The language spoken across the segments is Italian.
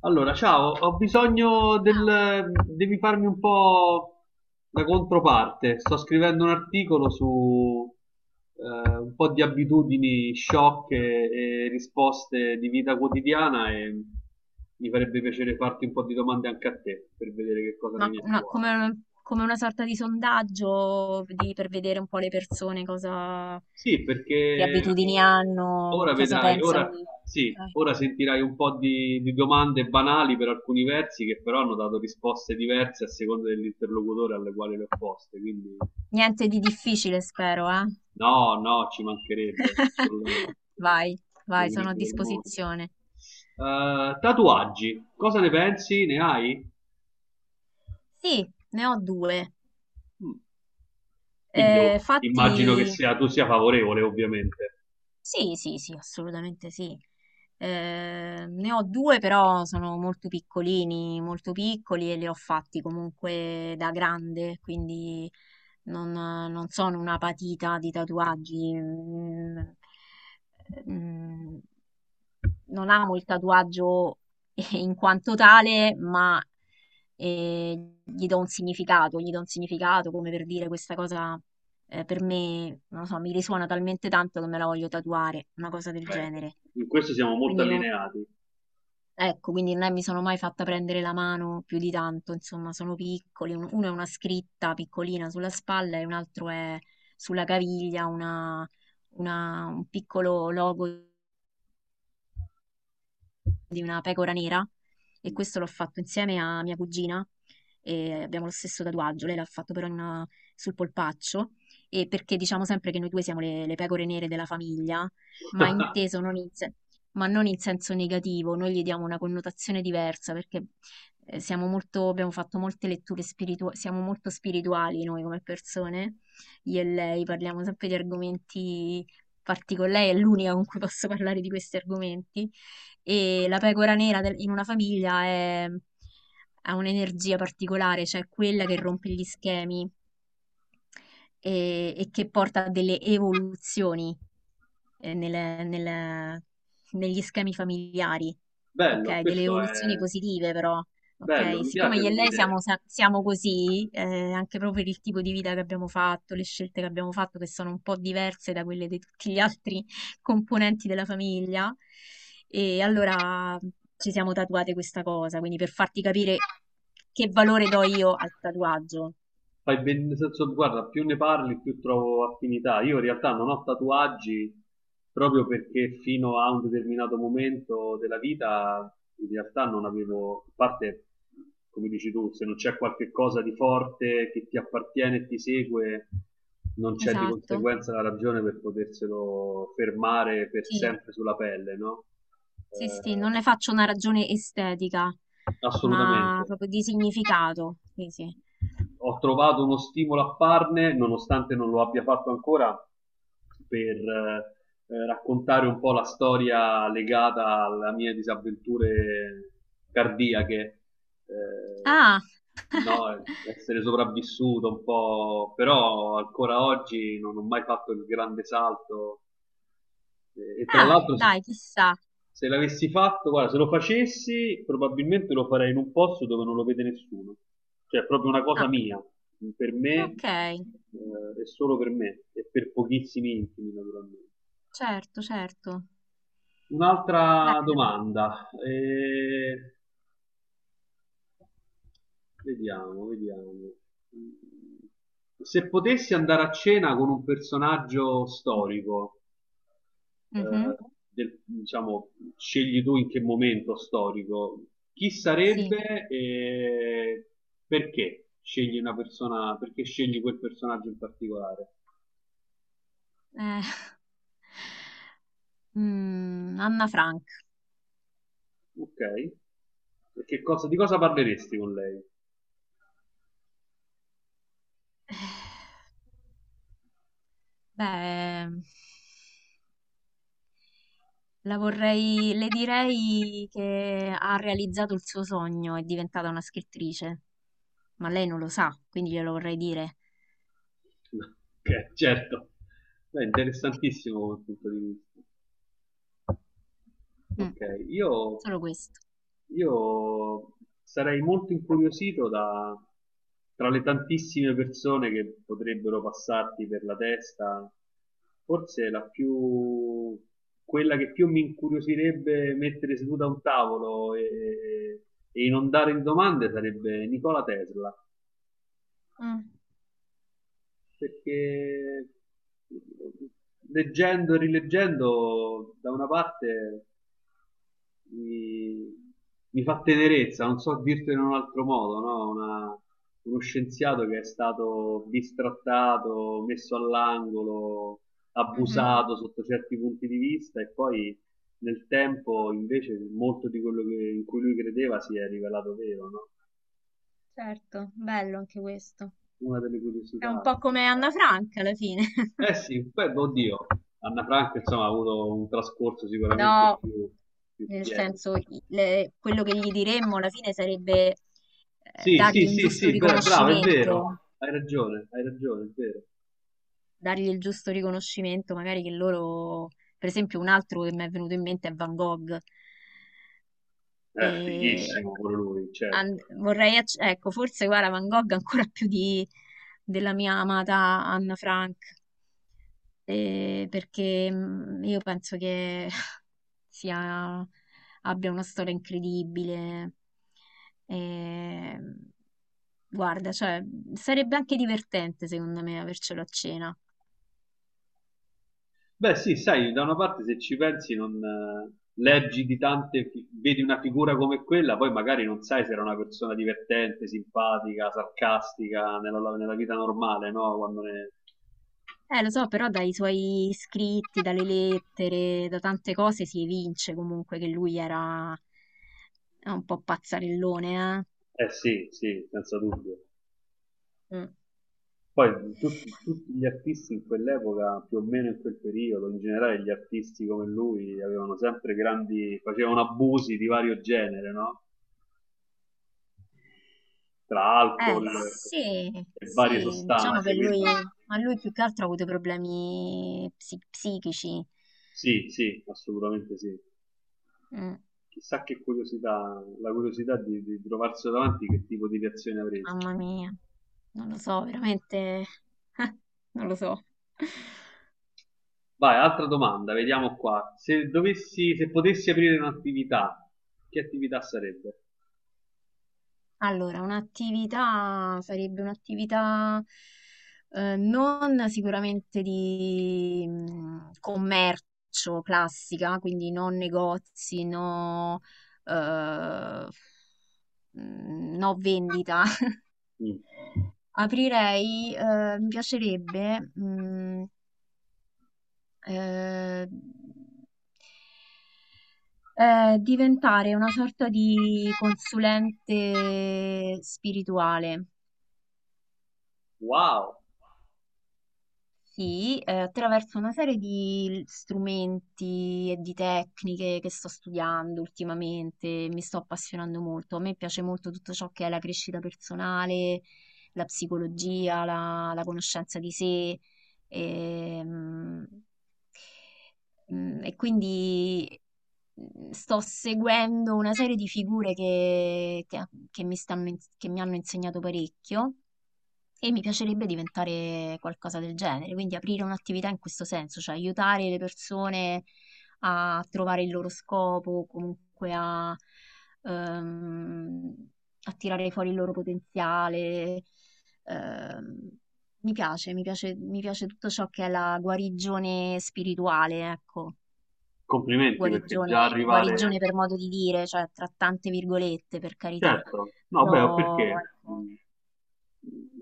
Allora, ciao, ho bisogno Wow. del... devi farmi un po' la controparte. Sto scrivendo un articolo su un po' di abitudini sciocche e risposte di vita quotidiana e mi farebbe piacere farti un po' di domande anche a te per vedere che cosa ne Ma viene fuori. come una sorta di sondaggio per vedere un po' le persone cosa, Sì, che perché abitudini hanno, ora cosa vedrai, pensano. ora, sì, Ok. ora sentirai un po' di domande banali per alcuni versi che però hanno dato risposte diverse a seconda dell'interlocutore alle quali le ho poste. Quindi Niente di difficile, spero, eh? no, no, ci mancherebbe assolutamente. Vai, Gli vai, sono a equilibri del mondo. disposizione. Tatuaggi, cosa ne pensi? Ne hai? Sì, ne ho due. Mm. Immagino che Fatti sia, tu sia favorevole, ovviamente. Sì, sì, sì, assolutamente sì. Ne ho due, però sono molto piccolini, molto piccoli e li ho fatti comunque da grande, quindi non sono una patita di tatuaggi. Mm, Non amo il tatuaggio in quanto tale, ma eh, gli do un significato, gli do un significato come per dire questa cosa per me, non lo so, mi risuona talmente tanto che me la voglio tatuare, una cosa del Beh, genere. in questo siamo molto Quindi non, allineati. Ecco, quindi non è- mi sono mai fatta prendere la mano più di tanto, insomma, sono piccoli, uno è una scritta piccolina sulla spalla e un altro è sulla caviglia un piccolo logo di una pecora nera, e questo l'ho fatto insieme a mia cugina e abbiamo lo stesso tatuaggio, lei l'ha fatto però sul polpaccio, e perché diciamo sempre che noi due siamo le pecore nere della famiglia, ma Ah, inteso non in, se- ma non in senso negativo, noi gli diamo una connotazione diversa perché siamo molto, abbiamo fatto molte letture spirituali, siamo molto spirituali noi come persone, io e lei parliamo sempre di argomenti particolari, lei è l'unica con cui posso parlare di questi argomenti, e la pecora nera in una famiglia ha un'energia particolare, cioè quella che rompe gli schemi e che porta a delle evoluzioni eh, nelle- nel- negli schemi familiari, bello, ok? Delle questo evoluzioni è positive però, bello, ok? mi Siccome piace io e come lei siamo, idea. Siamo così, anche proprio per il tipo di vita che abbiamo fatto, le scelte che abbiamo fatto, che sono un po' diverse da quelle di tutti gli altri componenti della famiglia, e allora ci siamo tatuate questa cosa, quindi per farti capire che valore do io al tatuaggio. Fai ben, nel senso, guarda, più ne parli, più trovo affinità. Io in realtà non ho tatuaggi proprio perché fino a un determinato momento della vita, in realtà non avevo, a parte, come dici tu, se non c'è qualche cosa di forte che ti appartiene e ti segue, non c'è di Esatto, conseguenza la ragione per poterselo fermare per sì. sempre sulla pelle, no? Sì, sì, non Eh, ne faccio una ragione estetica, assolutamente. ma proprio di significato. Sì, sì. Ho trovato uno stimolo a farne, nonostante non lo abbia fatto ancora, per raccontare un po' la storia legata alle mie disavventure cardiache. Eh, Ah, no, essere sopravvissuto un po', però ancora oggi non ho mai fatto il grande salto. E tra ah, l'altro, dai, chissà. se l'avessi fatto, guarda, se lo facessi, probabilmente lo farei in un posto dove non lo vede nessuno. Cioè, è proprio una Ah, cosa mia, per me, ok, e solo per me, e per pochissimi intimi, naturalmente. certo, certo. Un'altra Bello. domanda, vediamo, vediamo. Se potessi andare a cena con un personaggio storico, Mhm. Diciamo, scegli tu in che momento storico, chi Sì. sarebbe e perché scegli una persona, perché scegli quel personaggio in particolare? Eh, Anna Frank. Ok. E di cosa parleresti con lei? Beh, la vorrei, le direi che ha realizzato il suo sogno, è diventata una scrittrice, ma lei non lo sa, quindi glielo vorrei dire. Ok, certo. Beh, interessantissimo come punto di vista. Mm, Ok, io, solo questo. io sarei molto incuriosito da, tra le tantissime persone che potrebbero passarti per la testa, forse la più, quella che più mi incuriosirebbe mettere seduta a un tavolo e inondare di domande sarebbe Nicola Tesla, Mm, perché leggendo e rileggendo da una parte mi, mi fa tenerezza, non so dirtelo in un altro modo, no? Uno scienziato che è stato bistrattato, messo all'angolo, mhm. abusato sotto certi punti di vista e poi nel tempo invece molto di in cui lui credeva si è rivelato vero, no? Certo, bello anche questo. Una delle È un curiosità. po' Sì. come Anna Franca alla fine. Eh sì, poi, oddio, Anna Frank insomma ha avuto un trascorso sicuramente No. più, più Nel pieno. senso, quello che gli diremmo alla fine sarebbe Sì, sì, dargli un sì, giusto sì, bravo, è vero, riconoscimento, hai ragione, è vero. dargli il giusto riconoscimento, magari che loro, per esempio, un altro che mi è venuto in mente è Van Gogh. È E fighissimo pure lui, certo. vorrei, ecco, forse guarda Van Gogh ancora più di, della mia amata Anna Frank, perché io penso che sia, abbia una storia incredibile. E, guarda, cioè, sarebbe anche divertente secondo me avercelo a cena. Beh, sì, sai, da una parte se ci pensi non leggi di tante, vedi una figura come quella, poi magari non sai se era una persona divertente, simpatica, sarcastica nella vita normale, no? Quando ne... Lo so, però dai suoi scritti, dalle lettere, da tante cose si evince comunque che lui era un po' pazzarellone, Eh sì, sì, senza dubbio. eh. Mm. Poi tutti, tutti gli artisti in quell'epoca, più o meno in quel periodo, in generale gli artisti come lui avevano sempre grandi, facevano abusi di vario genere, no? Tra Eh, alcol sì, e varie sì, sostanze, quindi ma lui più che altro ha avuto problemi psichici. sì, sì, assolutamente sì. Mm, Chissà che curiosità, la curiosità di trovarselo davanti, che tipo di reazione avresti. Mamma mia, non lo so, veramente, non lo so. Vai, altra domanda, vediamo qua. Se dovessi, se potessi aprire un'attività, che attività sarebbe? Allora, un'attività sarebbe un'attività non sicuramente di commercio classica, quindi non negozi, no, eh, no vendita. Mm. Aprirei, mi piacerebbe eh, diventare una sorta di consulente spirituale. Wow! Sì, attraverso una serie di strumenti e di tecniche che sto studiando ultimamente, mi sto appassionando molto. A me piace molto tutto ciò che è la crescita personale, la psicologia, la conoscenza di sé. ehm, E quindi sto seguendo una serie di figure che mi hanno insegnato parecchio, e mi piacerebbe diventare qualcosa del genere, quindi aprire un'attività in questo senso, cioè aiutare le persone a trovare il loro scopo, comunque ehm, a tirare fuori il loro potenziale. Ehm, mi piace tutto ciò che è la guarigione spirituale, ecco, Complimenti perché già guarigione arrivare... per modo di dire, cioè tra tante virgolette, per carità, Certo, no, beh, però perché ecco,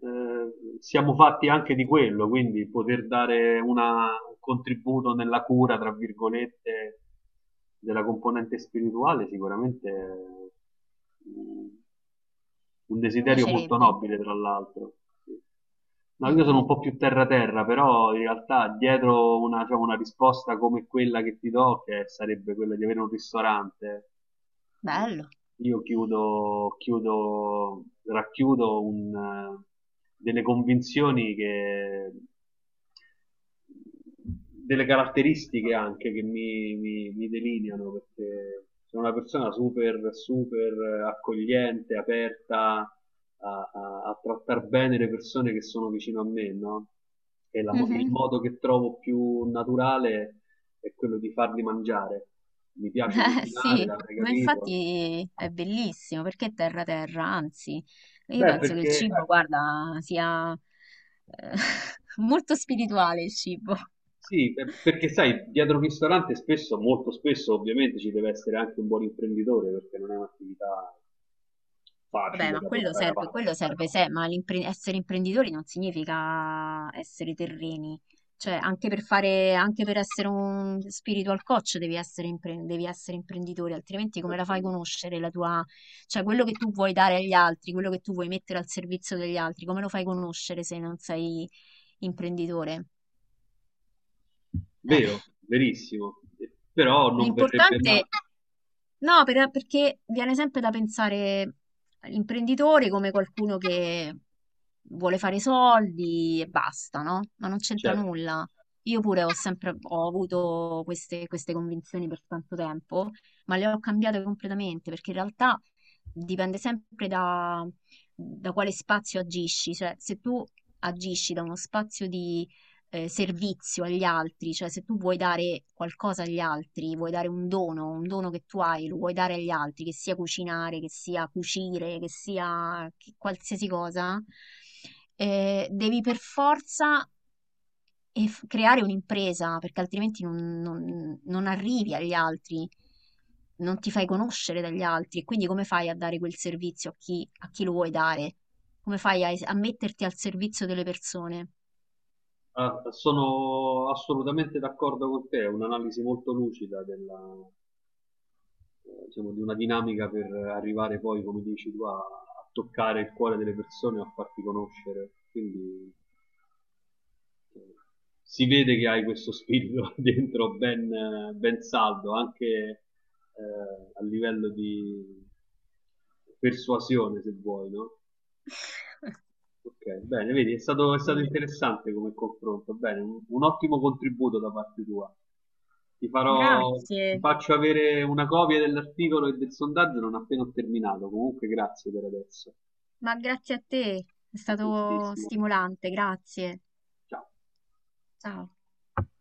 siamo fatti anche di quello, quindi poter dare un contributo nella cura, tra virgolette, della componente spirituale, sicuramente è un mi desiderio molto piacerebbe. nobile, tra l'altro. Sì. No, Mm, io sono un mm. po' più terra-terra, però in realtà dietro una, diciamo, una risposta come quella che ti do, che sarebbe quella di avere un ristorante, Bello. io racchiudo un, delle convinzioni che delle caratteristiche anche che mi delineano, perché sono una persona super, super accogliente, aperta a trattare bene le persone che sono vicino a me, no? E il Mhm. modo che trovo più naturale è quello di farli mangiare. Mi piace Eh cucinare, sì, l'avrei ma capito. infatti è bellissimo perché è terra terra, anzi, io Beh, penso che il perché cibo, guarda, sia eh, molto spirituale il cibo. sì, beh, perché sai, dietro un ristorante spesso, molto spesso ovviamente ci deve essere anche un buon imprenditore perché non è un'attività Vabbè, facile ma da portare avanti. quello serve, se, ma essere imprenditori non significa essere terreni. Cioè, anche per fare, anche per essere un spiritual coach devi essere, devi essere imprenditore, altrimenti come la Certo, fai no. conoscere la tua, cioè quello che tu vuoi dare agli altri, quello che tu vuoi mettere al servizio degli altri, come lo fai conoscere se non sei imprenditore? Eh, Vero, verissimo, eh, però non verrebbe mai, L'importante No, perché viene sempre da pensare all'imprenditore come qualcuno che vuole fare soldi e basta, no? Ma non c'entra certo, nulla. Io pure ho sempre ho avuto queste convinzioni per tanto tempo, ma le ho cambiate completamente perché in realtà dipende sempre da, quale spazio agisci. Cioè, se tu agisci da uno spazio di servizio agli altri, cioè se tu vuoi dare qualcosa agli altri, vuoi dare un dono che tu hai, lo vuoi dare agli altri, che sia cucinare, che sia cucire, che sia qualsiasi cosa, devi per forza creare un'impresa, perché altrimenti non arrivi agli altri. Non ti fai conoscere dagli altri, e quindi come fai a dare quel servizio a chi lo vuoi dare? Come fai a metterti al servizio delle persone? ah, sono assolutamente d'accordo con te, è un'analisi molto lucida della, diciamo, di una dinamica per arrivare poi, come dici tu, a toccare il cuore delle persone, a farti conoscere, quindi si vede che hai questo spirito dentro ben, ben saldo, anche a livello di persuasione, se vuoi, no? Ok, bene, vedi, è stato interessante come confronto, bene, un ottimo contributo da parte tua. Ti farò, Ti Grazie, faccio avere una copia dell'articolo e del sondaggio non appena ho terminato. Comunque, grazie per adesso. ma grazie a te, è A stato prestissimo. stimolante, grazie. Ciao. Ciao.